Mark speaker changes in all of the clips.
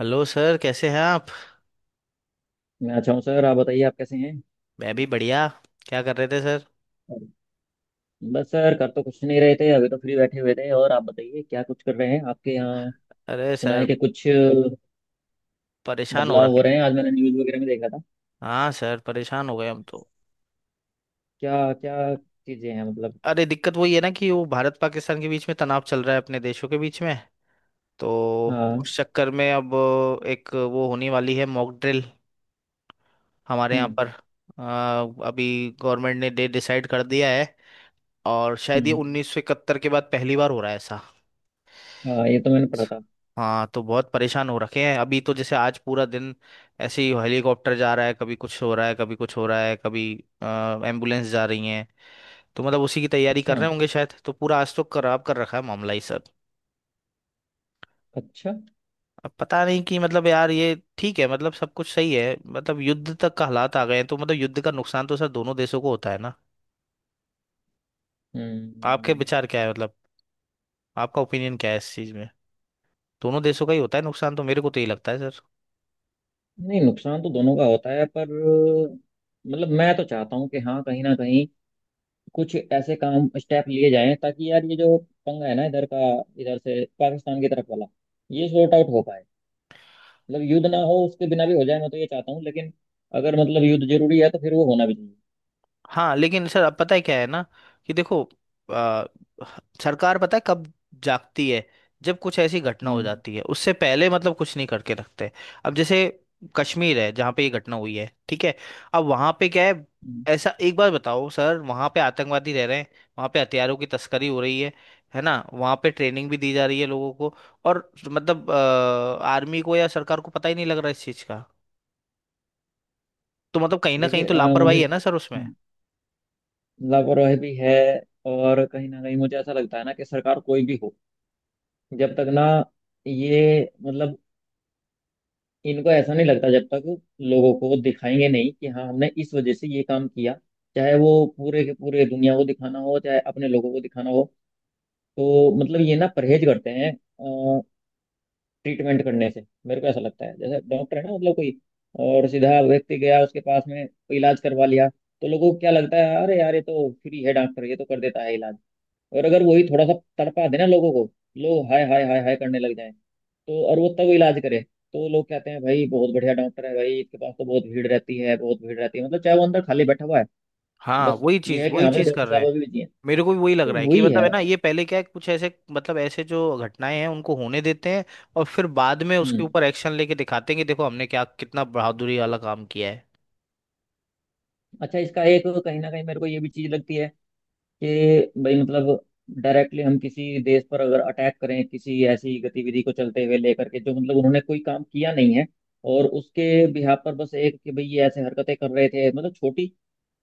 Speaker 1: Hello sir कैसे हैं आप।
Speaker 2: मैं अच्छा हूँ सर। आप बताइए आप कैसे हैं?
Speaker 1: मैं भी बढ़िया। क्या कर रहे थे सर?
Speaker 2: बस सर कर तो कुछ नहीं रहे थे, अभी तो फ्री बैठे हुए थे। और आप बताइए क्या कुछ कर रहे हैं आपके यहाँ?
Speaker 1: अरे
Speaker 2: सुना है
Speaker 1: सर
Speaker 2: कि कुछ
Speaker 1: परेशान हो
Speaker 2: बदलाव
Speaker 1: रखे।
Speaker 2: हो रहे हैं, आज मैंने न्यूज़ वगैरह में देखा था।
Speaker 1: हाँ सर परेशान हो गए हम तो।
Speaker 2: क्या क्या चीज़ें हैं मतलब?
Speaker 1: अरे दिक्कत वही है ना कि वो भारत पाकिस्तान के बीच में तनाव चल रहा है अपने देशों के बीच में, तो
Speaker 2: हाँ।
Speaker 1: उस चक्कर में अब एक वो होने वाली है मॉक ड्रिल हमारे यहाँ
Speaker 2: हम्म।
Speaker 1: पर, अभी गवर्नमेंट ने डेट डिसाइड कर दिया है। और शायद ये
Speaker 2: हम्म।
Speaker 1: 1971 के बाद पहली बार हो रहा है ऐसा।
Speaker 2: हाँ, ये तो मैंने पढ़ा था।
Speaker 1: हाँ तो बहुत परेशान हो रखे हैं अभी, तो जैसे आज पूरा दिन ऐसे ही हेलीकॉप्टर जा रहा है, कभी कुछ हो रहा है कभी कुछ हो रहा है, कभी एम्बुलेंस जा रही है। तो मतलब उसी की तैयारी कर
Speaker 2: अच्छा।
Speaker 1: रहे होंगे शायद, तो पूरा आज तो खराब कर रखा है मामला ही सब।
Speaker 2: अच्छा।
Speaker 1: अब पता नहीं कि मतलब यार ये ठीक है, मतलब सब कुछ सही है, मतलब युद्ध तक का हालात आ गए हैं, तो मतलब युद्ध का नुकसान तो सर दोनों देशों को होता है ना। आपके
Speaker 2: हम्म।
Speaker 1: विचार क्या है मतलब, आपका ओपिनियन क्या है इस चीज में? दोनों देशों का ही होता है नुकसान, तो मेरे को तो यही लगता है सर।
Speaker 2: नहीं, नुकसान तो दोनों का होता है, पर मतलब मैं तो चाहता हूँ कि हाँ, कहीं ना कहीं कुछ ऐसे काम, स्टेप लिए जाएं ताकि यार ये जो पंगा है ना इधर का, इधर से पाकिस्तान की तरफ वाला, ये सॉर्ट आउट हो पाए। मतलब युद्ध ना हो, उसके बिना भी हो जाए, मैं तो ये चाहता हूँ। लेकिन अगर मतलब युद्ध जरूरी है तो फिर वो होना भी चाहिए।
Speaker 1: हाँ लेकिन सर अब पता है क्या है ना कि देखो, आ, सरकार पता है कब जागती है? जब कुछ ऐसी घटना हो
Speaker 2: हम्म।
Speaker 1: जाती है, उससे पहले मतलब कुछ नहीं करके रखते। अब जैसे कश्मीर है जहाँ पे ये घटना हुई है, ठीक है, अब वहाँ पे क्या है,
Speaker 2: हम्म।
Speaker 1: ऐसा एक बार बताओ सर, वहाँ पे आतंकवादी रह रहे हैं, वहाँ पे हथियारों की तस्करी हो रही है ना, वहाँ पे ट्रेनिंग भी दी जा रही है लोगों को, और मतलब आर्मी को या सरकार को पता ही नहीं लग रहा इस चीज़ का। तो मतलब कहीं ना कहीं
Speaker 2: देखिए
Speaker 1: तो
Speaker 2: मुझे
Speaker 1: लापरवाही है ना सर उसमें।
Speaker 2: हम्म, लापरवाही भी है, और कहीं ना कहीं मुझे ऐसा लगता है ना कि सरकार कोई भी हो, जब तक ना ये मतलब इनको ऐसा नहीं लगता, जब तक लोगों को दिखाएंगे नहीं कि हाँ, हमने इस वजह से ये काम किया, चाहे वो पूरे के पूरे दुनिया को दिखाना हो, चाहे अपने लोगों को दिखाना हो, तो मतलब ये ना परहेज करते हैं ट्रीटमेंट करने से। मेरे को ऐसा लगता है जैसे डॉक्टर है ना मतलब, कोई और सीधा व्यक्ति गया उसके पास में, कोई इलाज करवा लिया, तो लोगों को क्या लगता है, अरे यार ये तो फ्री है डॉक्टर, ये तो कर देता है इलाज। और अगर वही थोड़ा सा तड़पा देना लोगों को, लोग हाय हाय हाय हाय करने लग जाए, तो और वो तब इलाज करे, तो लोग कहते हैं, भाई बहुत बढ़िया डॉक्टर है, भाई इसके पास तो बहुत भीड़ रहती है, बहुत भीड़ रहती है, मतलब चाहे वो अंदर खाली बैठा हुआ है।
Speaker 1: हाँ
Speaker 2: बस ये है कि
Speaker 1: वही
Speaker 2: हाँ भाई,
Speaker 1: चीज़
Speaker 2: डॉक्टर
Speaker 1: कर रहे
Speaker 2: साहब
Speaker 1: हैं।
Speaker 2: अभी बिजी हैं।
Speaker 1: मेरे को भी वही लग
Speaker 2: तो
Speaker 1: रहा है कि
Speaker 2: वही
Speaker 1: मतलब
Speaker 2: है।
Speaker 1: है ना, ये पहले क्या है, कुछ ऐसे मतलब ऐसे जो घटनाएं हैं उनको होने देते हैं, और फिर बाद में उसके
Speaker 2: हम्म।
Speaker 1: ऊपर एक्शन लेके दिखाते हैं कि देखो हमने क्या कितना बहादुरी वाला काम किया है।
Speaker 2: अच्छा, इसका एक कहीं ना कहीं मेरे को ये भी चीज लगती है कि भाई मतलब डायरेक्टली हम किसी देश पर अगर अटैक करें, किसी ऐसी गतिविधि को चलते हुए लेकर के, जो मतलब उन्होंने कोई काम किया नहीं है, और उसके बिहाफ पर बस एक कि भाई ये ऐसे हरकतें कर रहे थे मतलब छोटी।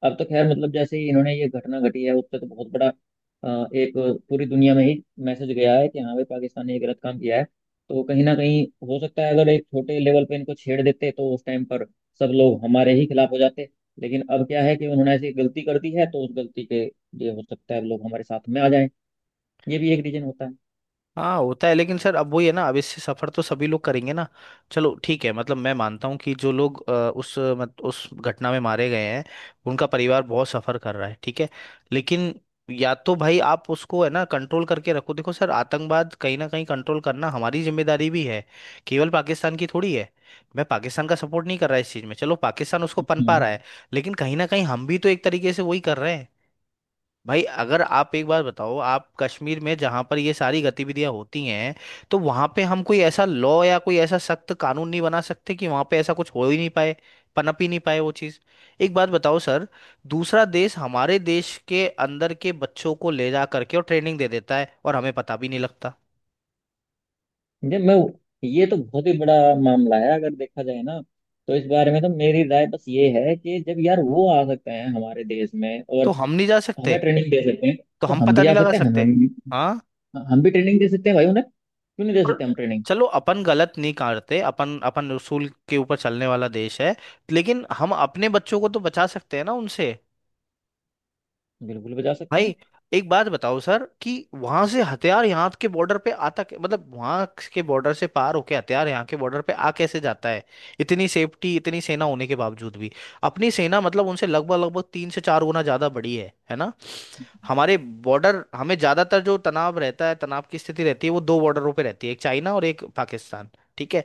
Speaker 2: अब तो खैर मतलब, जैसे ही इन्होंने ये घटना घटी है, उससे तो बहुत बड़ा एक पूरी दुनिया में ही मैसेज गया है कि हाँ भाई, पाकिस्तान ने ये गलत काम किया है। तो कहीं ना कहीं हो सकता है अगर एक छोटे लेवल पे इनको छेड़ देते, तो उस टाइम पर सब लोग हमारे ही खिलाफ हो जाते। लेकिन अब क्या है कि उन्होंने ऐसी गलती कर दी है तो उस गलती के, ये हो सकता है लोग हमारे साथ में आ जाएं। ये भी एक रीजन होता है।
Speaker 1: हाँ होता है, लेकिन सर अब वही है ना, अब इससे सफर तो सभी लोग करेंगे ना। चलो ठीक है, मतलब मैं मानता हूँ कि जो लोग अ, उस अ, मत, उस घटना में मारे गए हैं, उनका परिवार बहुत सफर कर रहा है, ठीक है, लेकिन या तो भाई आप उसको है ना कंट्रोल करके रखो। देखो सर, आतंकवाद कहीं ना कहीं कंट्रोल करना हमारी जिम्मेदारी भी है, केवल पाकिस्तान की थोड़ी है। मैं पाकिस्तान का सपोर्ट नहीं कर रहा इस चीज़ में, चलो पाकिस्तान उसको पनपा
Speaker 2: हम्म।
Speaker 1: रहा है, लेकिन कहीं ना कहीं हम भी तो एक तरीके से वही कर रहे हैं। भाई अगर आप एक बार बताओ, आप कश्मीर में जहां पर ये सारी गतिविधियां होती हैं, तो वहां पे हम कोई ऐसा लॉ या कोई ऐसा सख्त कानून नहीं बना सकते कि वहां पे ऐसा कुछ हो ही नहीं पाए, पनप ही नहीं पाए वो चीज? एक बात बताओ सर, दूसरा देश हमारे देश के अंदर के बच्चों को ले जा करके और ट्रेनिंग दे देता है और हमें पता भी नहीं लगता,
Speaker 2: ये मैं ये तो बहुत ही बड़ा मामला है, अगर देखा जाए ना। तो इस बारे में तो मेरी राय बस ये है कि जब यार वो आ सकते हैं हमारे देश में
Speaker 1: तो
Speaker 2: और
Speaker 1: हम नहीं जा सकते,
Speaker 2: हमें ट्रेनिंग दे सकते हैं,
Speaker 1: तो
Speaker 2: तो
Speaker 1: हम
Speaker 2: हम
Speaker 1: पता
Speaker 2: भी
Speaker 1: नहीं
Speaker 2: जा
Speaker 1: लगा
Speaker 2: सकते हैं। हम
Speaker 1: सकते? हाँ
Speaker 2: हम भी ट्रेनिंग दे सकते हैं भाई उन्हें। क्यों नहीं दे
Speaker 1: और
Speaker 2: सकते हम ट्रेनिंग?
Speaker 1: चलो अपन गलत नहीं करते, अपन अपन उसूल के ऊपर चलने वाला देश है, लेकिन हम अपने बच्चों को तो बचा सकते हैं ना उनसे।
Speaker 2: बिल्कुल भी जा सकते हैं।
Speaker 1: भाई एक बात बताओ सर कि वहां से हथियार यहाँ के बॉर्डर पे आता मतलब वहां के बॉर्डर से पार होके हथियार यहाँ के बॉर्डर पे आ कैसे जाता है, इतनी सेफ्टी इतनी सेना होने के बावजूद भी? अपनी सेना मतलब उनसे लगभग लगभग 3 से 4 गुना ज्यादा बड़ी है ना? हमारे बॉर्डर, हमें ज्यादातर जो तनाव रहता है, तनाव की स्थिति रहती है, वो दो बॉर्डरों पे रहती है, एक चाइना और एक पाकिस्तान, ठीक है।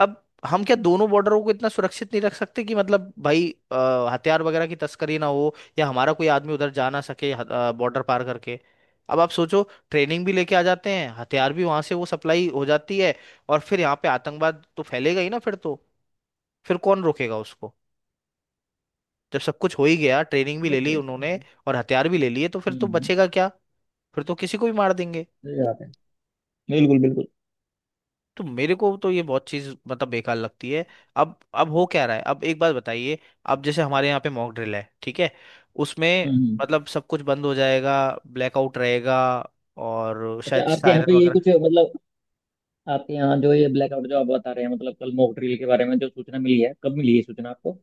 Speaker 1: अब हम क्या दोनों बॉर्डरों को इतना सुरक्षित नहीं रख सकते कि मतलब भाई हथियार वगैरह की तस्करी ना हो या हमारा कोई आदमी उधर जा ना सके, बॉर्डर पार करके? अब आप सोचो, ट्रेनिंग भी लेके आ जाते हैं, हथियार भी वहां से वो सप्लाई हो जाती है, और फिर यहाँ पे आतंकवाद तो फैलेगा ही ना फिर तो, फिर कौन रोकेगा उसको? जब सब कुछ हो ही गया, ट्रेनिंग भी
Speaker 2: वो
Speaker 1: ले ली
Speaker 2: देखते
Speaker 1: उन्होंने
Speaker 2: हैं।
Speaker 1: और हथियार भी ले लिए, तो फिर तो
Speaker 2: हम्म।
Speaker 1: बचेगा क्या, फिर तो किसी को भी मार देंगे।
Speaker 2: सही बात है। बिल्कुल, बिल्कुल।
Speaker 1: तो मेरे को तो ये बहुत चीज मतलब बेकार लगती है। अब हो क्या रहा है, अब एक बात बताइए, अब जैसे हमारे यहाँ पे मॉक ड्रिल है, ठीक है, उसमें
Speaker 2: हम्म।
Speaker 1: मतलब सब कुछ बंद हो जाएगा, ब्लैकआउट रहेगा और
Speaker 2: अच्छा,
Speaker 1: शायद
Speaker 2: आपके यहाँ पे
Speaker 1: सायरन
Speaker 2: ये
Speaker 1: वगैरह।
Speaker 2: कुछ मतलब, आपके यहाँ जो ये ब्लैकआउट जो आप बता रहे हैं, मतलब कल मॉक ड्रिल के बारे में जो सूचना मिली है, कब मिली है सूचना आपको?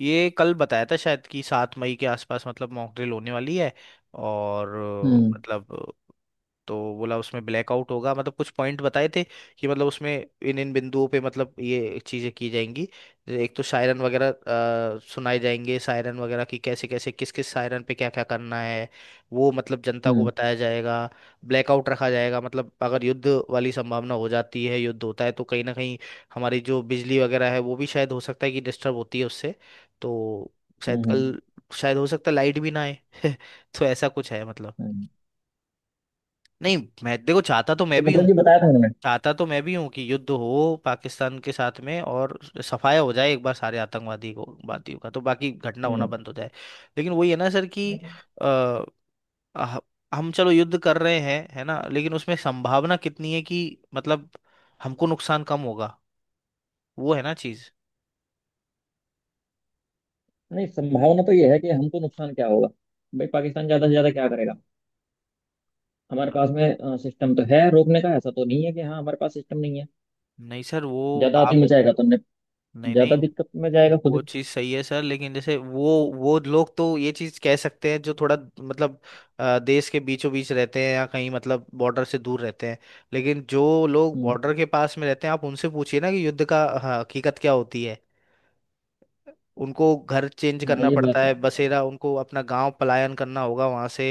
Speaker 1: ये कल बताया था शायद कि 7 मई के आसपास मतलब मॉक ड्रिल होने वाली है, और
Speaker 2: हम्म।
Speaker 1: मतलब तो बोला उसमें ब्लैकआउट होगा, मतलब कुछ पॉइंट बताए थे कि मतलब उसमें इन इन बिंदुओं पे मतलब ये चीज़ें की जाएंगी। एक तो शायरन वगैरह सुनाए जाएंगे, शायरन वगैरह की कैसे कैसे किस किस शायरन पे क्या क्या करना है, वो मतलब जनता को
Speaker 2: हम्म।
Speaker 1: बताया जाएगा। ब्लैकआउट रखा जाएगा, मतलब अगर युद्ध वाली संभावना हो जाती है, युद्ध होता है, तो कहीं ना कहीं हमारी जो बिजली वगैरह है वो भी शायद हो सकता है कि डिस्टर्ब होती है उससे, तो
Speaker 2: हम्म।
Speaker 1: शायद
Speaker 2: हम्म।
Speaker 1: कल, शायद हो सकता है लाइट भी ना आए। तो ऐसा कुछ है मतलब।
Speaker 2: हम्म।
Speaker 1: नहीं, मैं देखो चाहता तो मैं
Speaker 2: तो
Speaker 1: भी हूँ,
Speaker 2: मतलब ये बताया था उन्होंने?
Speaker 1: कि युद्ध हो पाकिस्तान के साथ में, और सफाया हो जाए एक बार सारे आतंकवादी को वादियों का, तो बाकी घटना होना
Speaker 2: हम्म।
Speaker 1: बंद हो जाए। लेकिन वही है ना सर कि अ, ह- हम चलो युद्ध कर रहे हैं है ना, लेकिन उसमें संभावना कितनी है कि मतलब हमको नुकसान कम होगा, वो है ना चीज।
Speaker 2: नहीं, संभावना तो ये है कि हमको नुकसान क्या होगा। भाई पाकिस्तान ज्यादा से ज्यादा क्या करेगा? हमारे पास में सिस्टम तो है रोकने का, ऐसा तो नहीं है कि हाँ हमारे पास सिस्टम नहीं है।
Speaker 1: नहीं सर वो,
Speaker 2: ज्यादा आती
Speaker 1: आप,
Speaker 2: मचाएगा तो हमने,
Speaker 1: नहीं
Speaker 2: ज्यादा
Speaker 1: नहीं,
Speaker 2: दिक्कत में जाएगा खुद ही।
Speaker 1: वो चीज़ सही है सर, लेकिन जैसे वो लोग तो ये चीज़ कह सकते हैं जो थोड़ा मतलब देश के बीचों बीच रहते हैं या कहीं मतलब बॉर्डर से दूर रहते हैं, लेकिन जो लोग
Speaker 2: हम्म।
Speaker 1: बॉर्डर के पास में रहते हैं आप उनसे पूछिए ना कि युद्ध का, हाँ, हकीकत क्या होती है। उनको घर चेंज
Speaker 2: हाँ,
Speaker 1: करना
Speaker 2: ये बात
Speaker 1: पड़ता है,
Speaker 2: सही है।
Speaker 1: बसेरा, उनको अपना गांव पलायन करना होगा वहां से,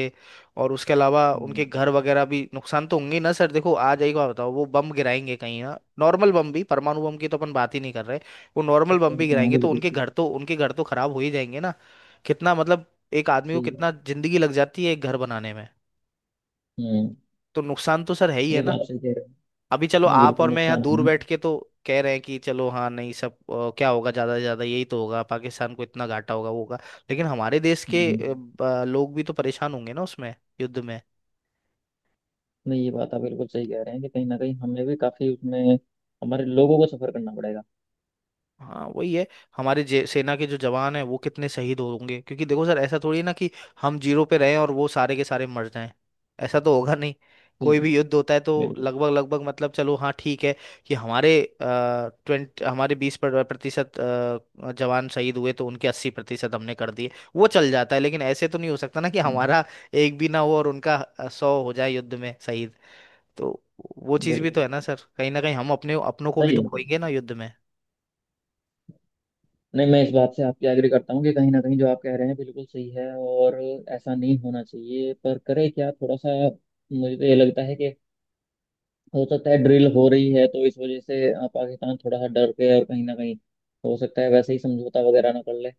Speaker 1: और उसके अलावा उनके
Speaker 2: हम्म।
Speaker 1: घर वगैरह भी नुकसान तो होंगे ही ना सर। देखो आ जाएगा, बताओ वो बम गिराएंगे कहीं ना, नॉर्मल बम भी, परमाणु बम की तो अपन बात ही नहीं कर रहे, वो नॉर्मल
Speaker 2: चलो।
Speaker 1: बम भी
Speaker 2: हाँ,
Speaker 1: गिराएंगे तो
Speaker 2: बिल्कुल
Speaker 1: उनके
Speaker 2: सही।
Speaker 1: घर तो उनके घर तो खराब हो ही जाएंगे ना। कितना मतलब, एक आदमी को
Speaker 2: सही बात।
Speaker 1: कितना जिंदगी लग जाती है एक घर बनाने में।
Speaker 2: हम्म।
Speaker 1: तो नुकसान तो सर है ही है
Speaker 2: ये तो
Speaker 1: ना।
Speaker 2: आप सही कह रहे हो।
Speaker 1: अभी चलो
Speaker 2: नहीं,
Speaker 1: आप
Speaker 2: बिल्कुल
Speaker 1: और मैं यहाँ
Speaker 2: नुकसान है।
Speaker 1: दूर
Speaker 2: हम्म।
Speaker 1: बैठ के तो कह रहे हैं कि चलो हाँ, नहीं सब क्या होगा, ज्यादा से ज्यादा यही तो होगा पाकिस्तान को इतना घाटा होगा वो होगा, लेकिन हमारे देश के
Speaker 2: हम्म।
Speaker 1: लोग भी तो परेशान होंगे ना उसमें, युद्ध में।
Speaker 2: नहीं, ये बात आप बिल्कुल सही कह रहे हैं कि कहीं ना कहीं हमें भी काफी उसमें, हमारे लोगों को सफर करना पड़ेगा।
Speaker 1: हाँ वही है, हमारे सेना के जो जवान हैं वो कितने शहीद होंगे, क्योंकि देखो सर ऐसा थोड़ी है ना कि हम जीरो पे रहें और वो सारे के सारे मर जाएं, ऐसा तो होगा नहीं।
Speaker 2: सही
Speaker 1: कोई
Speaker 2: बात।
Speaker 1: भी युद्ध होता है तो
Speaker 2: बिल्कुल।
Speaker 1: लगभग लगभग मतलब, चलो हाँ ठीक है कि हमारे ट्वेंट हमारे 20% जवान शहीद हुए तो उनके 80% हमने कर दिए, वो चल जाता है, लेकिन ऐसे तो नहीं हो सकता ना कि
Speaker 2: हम्म,
Speaker 1: हमारा एक भी ना हो और उनका 100 हो जाए युद्ध में शहीद। तो वो चीज़ भी
Speaker 2: बिल्कुल
Speaker 1: तो है ना सर, कहीं ना कहीं हम अपने अपनों को भी
Speaker 2: सही
Speaker 1: तो
Speaker 2: बात है।
Speaker 1: खोएंगे ना युद्ध में।
Speaker 2: नहीं, मैं इस बात से आपकी एग्री करता हूँ कि कहीं ना कहीं जो आप कह रहे हैं बिल्कुल सही है, और ऐसा नहीं होना चाहिए, पर करे क्या थोड़ा सा। मुझे तो ये लगता है कि हो सकता है ड्रिल हो रही है, तो इस वजह से पाकिस्तान थोड़ा सा डर के और कहीं ना कहीं, हो सकता है वैसे ही समझौता वगैरह ना कर ले,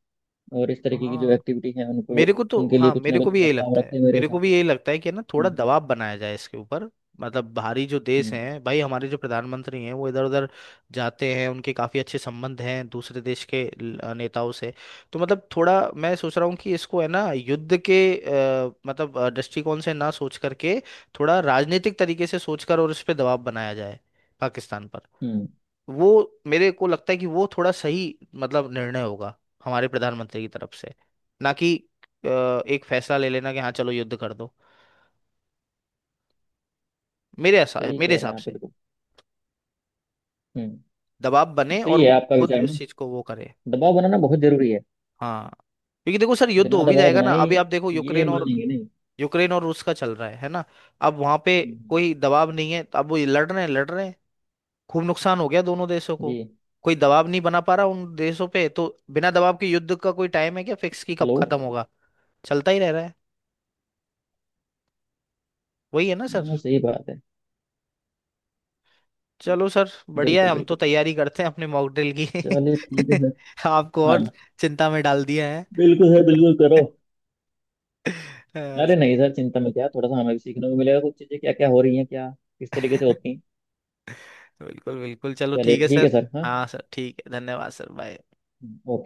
Speaker 2: और इस तरीके की जो
Speaker 1: हाँ
Speaker 2: एक्टिविटी है उनको,
Speaker 1: मेरे को तो,
Speaker 2: उनके लिए
Speaker 1: हाँ,
Speaker 2: कुछ ना
Speaker 1: मेरे को
Speaker 2: कुछ
Speaker 1: भी यही
Speaker 2: प्रस्ताव
Speaker 1: लगता है,
Speaker 2: रखे मेरे हिसाब से।
Speaker 1: कि ना थोड़ा
Speaker 2: हम्म।
Speaker 1: दबाव बनाया जाए इसके ऊपर। मतलब बाहरी जो देश
Speaker 2: हम्म।
Speaker 1: हैं, भाई हमारे जो प्रधानमंत्री हैं वो इधर उधर जाते हैं, उनके काफ़ी अच्छे संबंध हैं दूसरे देश के नेताओं से, तो मतलब थोड़ा मैं सोच रहा हूँ कि इसको है ना युद्ध के मतलब दृष्टिकोण से ना सोच करके, थोड़ा राजनीतिक तरीके से सोचकर और इस पे दबाव बनाया जाए पाकिस्तान पर।
Speaker 2: हम्म।
Speaker 1: वो मेरे को लगता है कि वो थोड़ा सही मतलब निर्णय होगा हमारे प्रधानमंत्री की तरफ से, ना कि अ, एक फैसला ले लेना कि हाँ चलो युद्ध कर दो,
Speaker 2: सही
Speaker 1: मेरे
Speaker 2: कह रहे
Speaker 1: हिसाब
Speaker 2: हैं आप
Speaker 1: से।
Speaker 2: बिल्कुल। हम्म।
Speaker 1: दबाव बने और
Speaker 2: सही है
Speaker 1: वो
Speaker 2: आपका
Speaker 1: खुद सर
Speaker 2: विचार
Speaker 1: इस
Speaker 2: ना।
Speaker 1: चीज को वो करे।
Speaker 2: दबाव बनाना बहुत जरूरी है।
Speaker 1: हाँ, क्योंकि देखो सर, युद्ध
Speaker 2: बिना
Speaker 1: हो भी
Speaker 2: दबाव
Speaker 1: जाएगा ना,
Speaker 2: बनाए
Speaker 1: अभी आप देखो
Speaker 2: ये मानेंगे नहीं।
Speaker 1: यूक्रेन और रूस का चल रहा है ना, अब वहां पे
Speaker 2: हम्म,
Speaker 1: कोई दबाव नहीं है, तो अब वो लड़ रहे हैं लड़ रहे हैं, खूब नुकसान हो गया दोनों देशों
Speaker 2: जी।
Speaker 1: को, कोई दबाव नहीं बना पा रहा उन देशों पे, तो बिना दबाव के युद्ध का कोई टाइम है क्या फिक्स की कब
Speaker 2: हेलो।
Speaker 1: खत्म होगा, चलता ही रह रहा है। वही है ना सर।
Speaker 2: हाँ, सही बात है।
Speaker 1: चलो सर, बढ़िया है,
Speaker 2: बिल्कुल,
Speaker 1: हम तो
Speaker 2: बिल्कुल।
Speaker 1: तैयारी करते हैं अपने मॉक ड्रिल
Speaker 2: चलिए ठीक है
Speaker 1: की।
Speaker 2: सर।
Speaker 1: आपको
Speaker 2: हाँ
Speaker 1: और
Speaker 2: जी।
Speaker 1: चिंता में डाल दिया है।
Speaker 2: बिल्कुल सर, बिल्कुल करो।
Speaker 1: अ,
Speaker 2: अरे नहीं सर, चिंता में क्या? थोड़ा सा हमें भी सीखने को मिलेगा, कुछ चीज़ें क्या क्या हो रही हैं, क्या किस तरीके से होती हैं।
Speaker 1: बिल्कुल बिल्कुल, चलो
Speaker 2: चलिए
Speaker 1: ठीक है
Speaker 2: ठीक
Speaker 1: सर।
Speaker 2: है सर। हाँ।
Speaker 1: हाँ सर ठीक है, धन्यवाद सर, बाय।
Speaker 2: हम्म।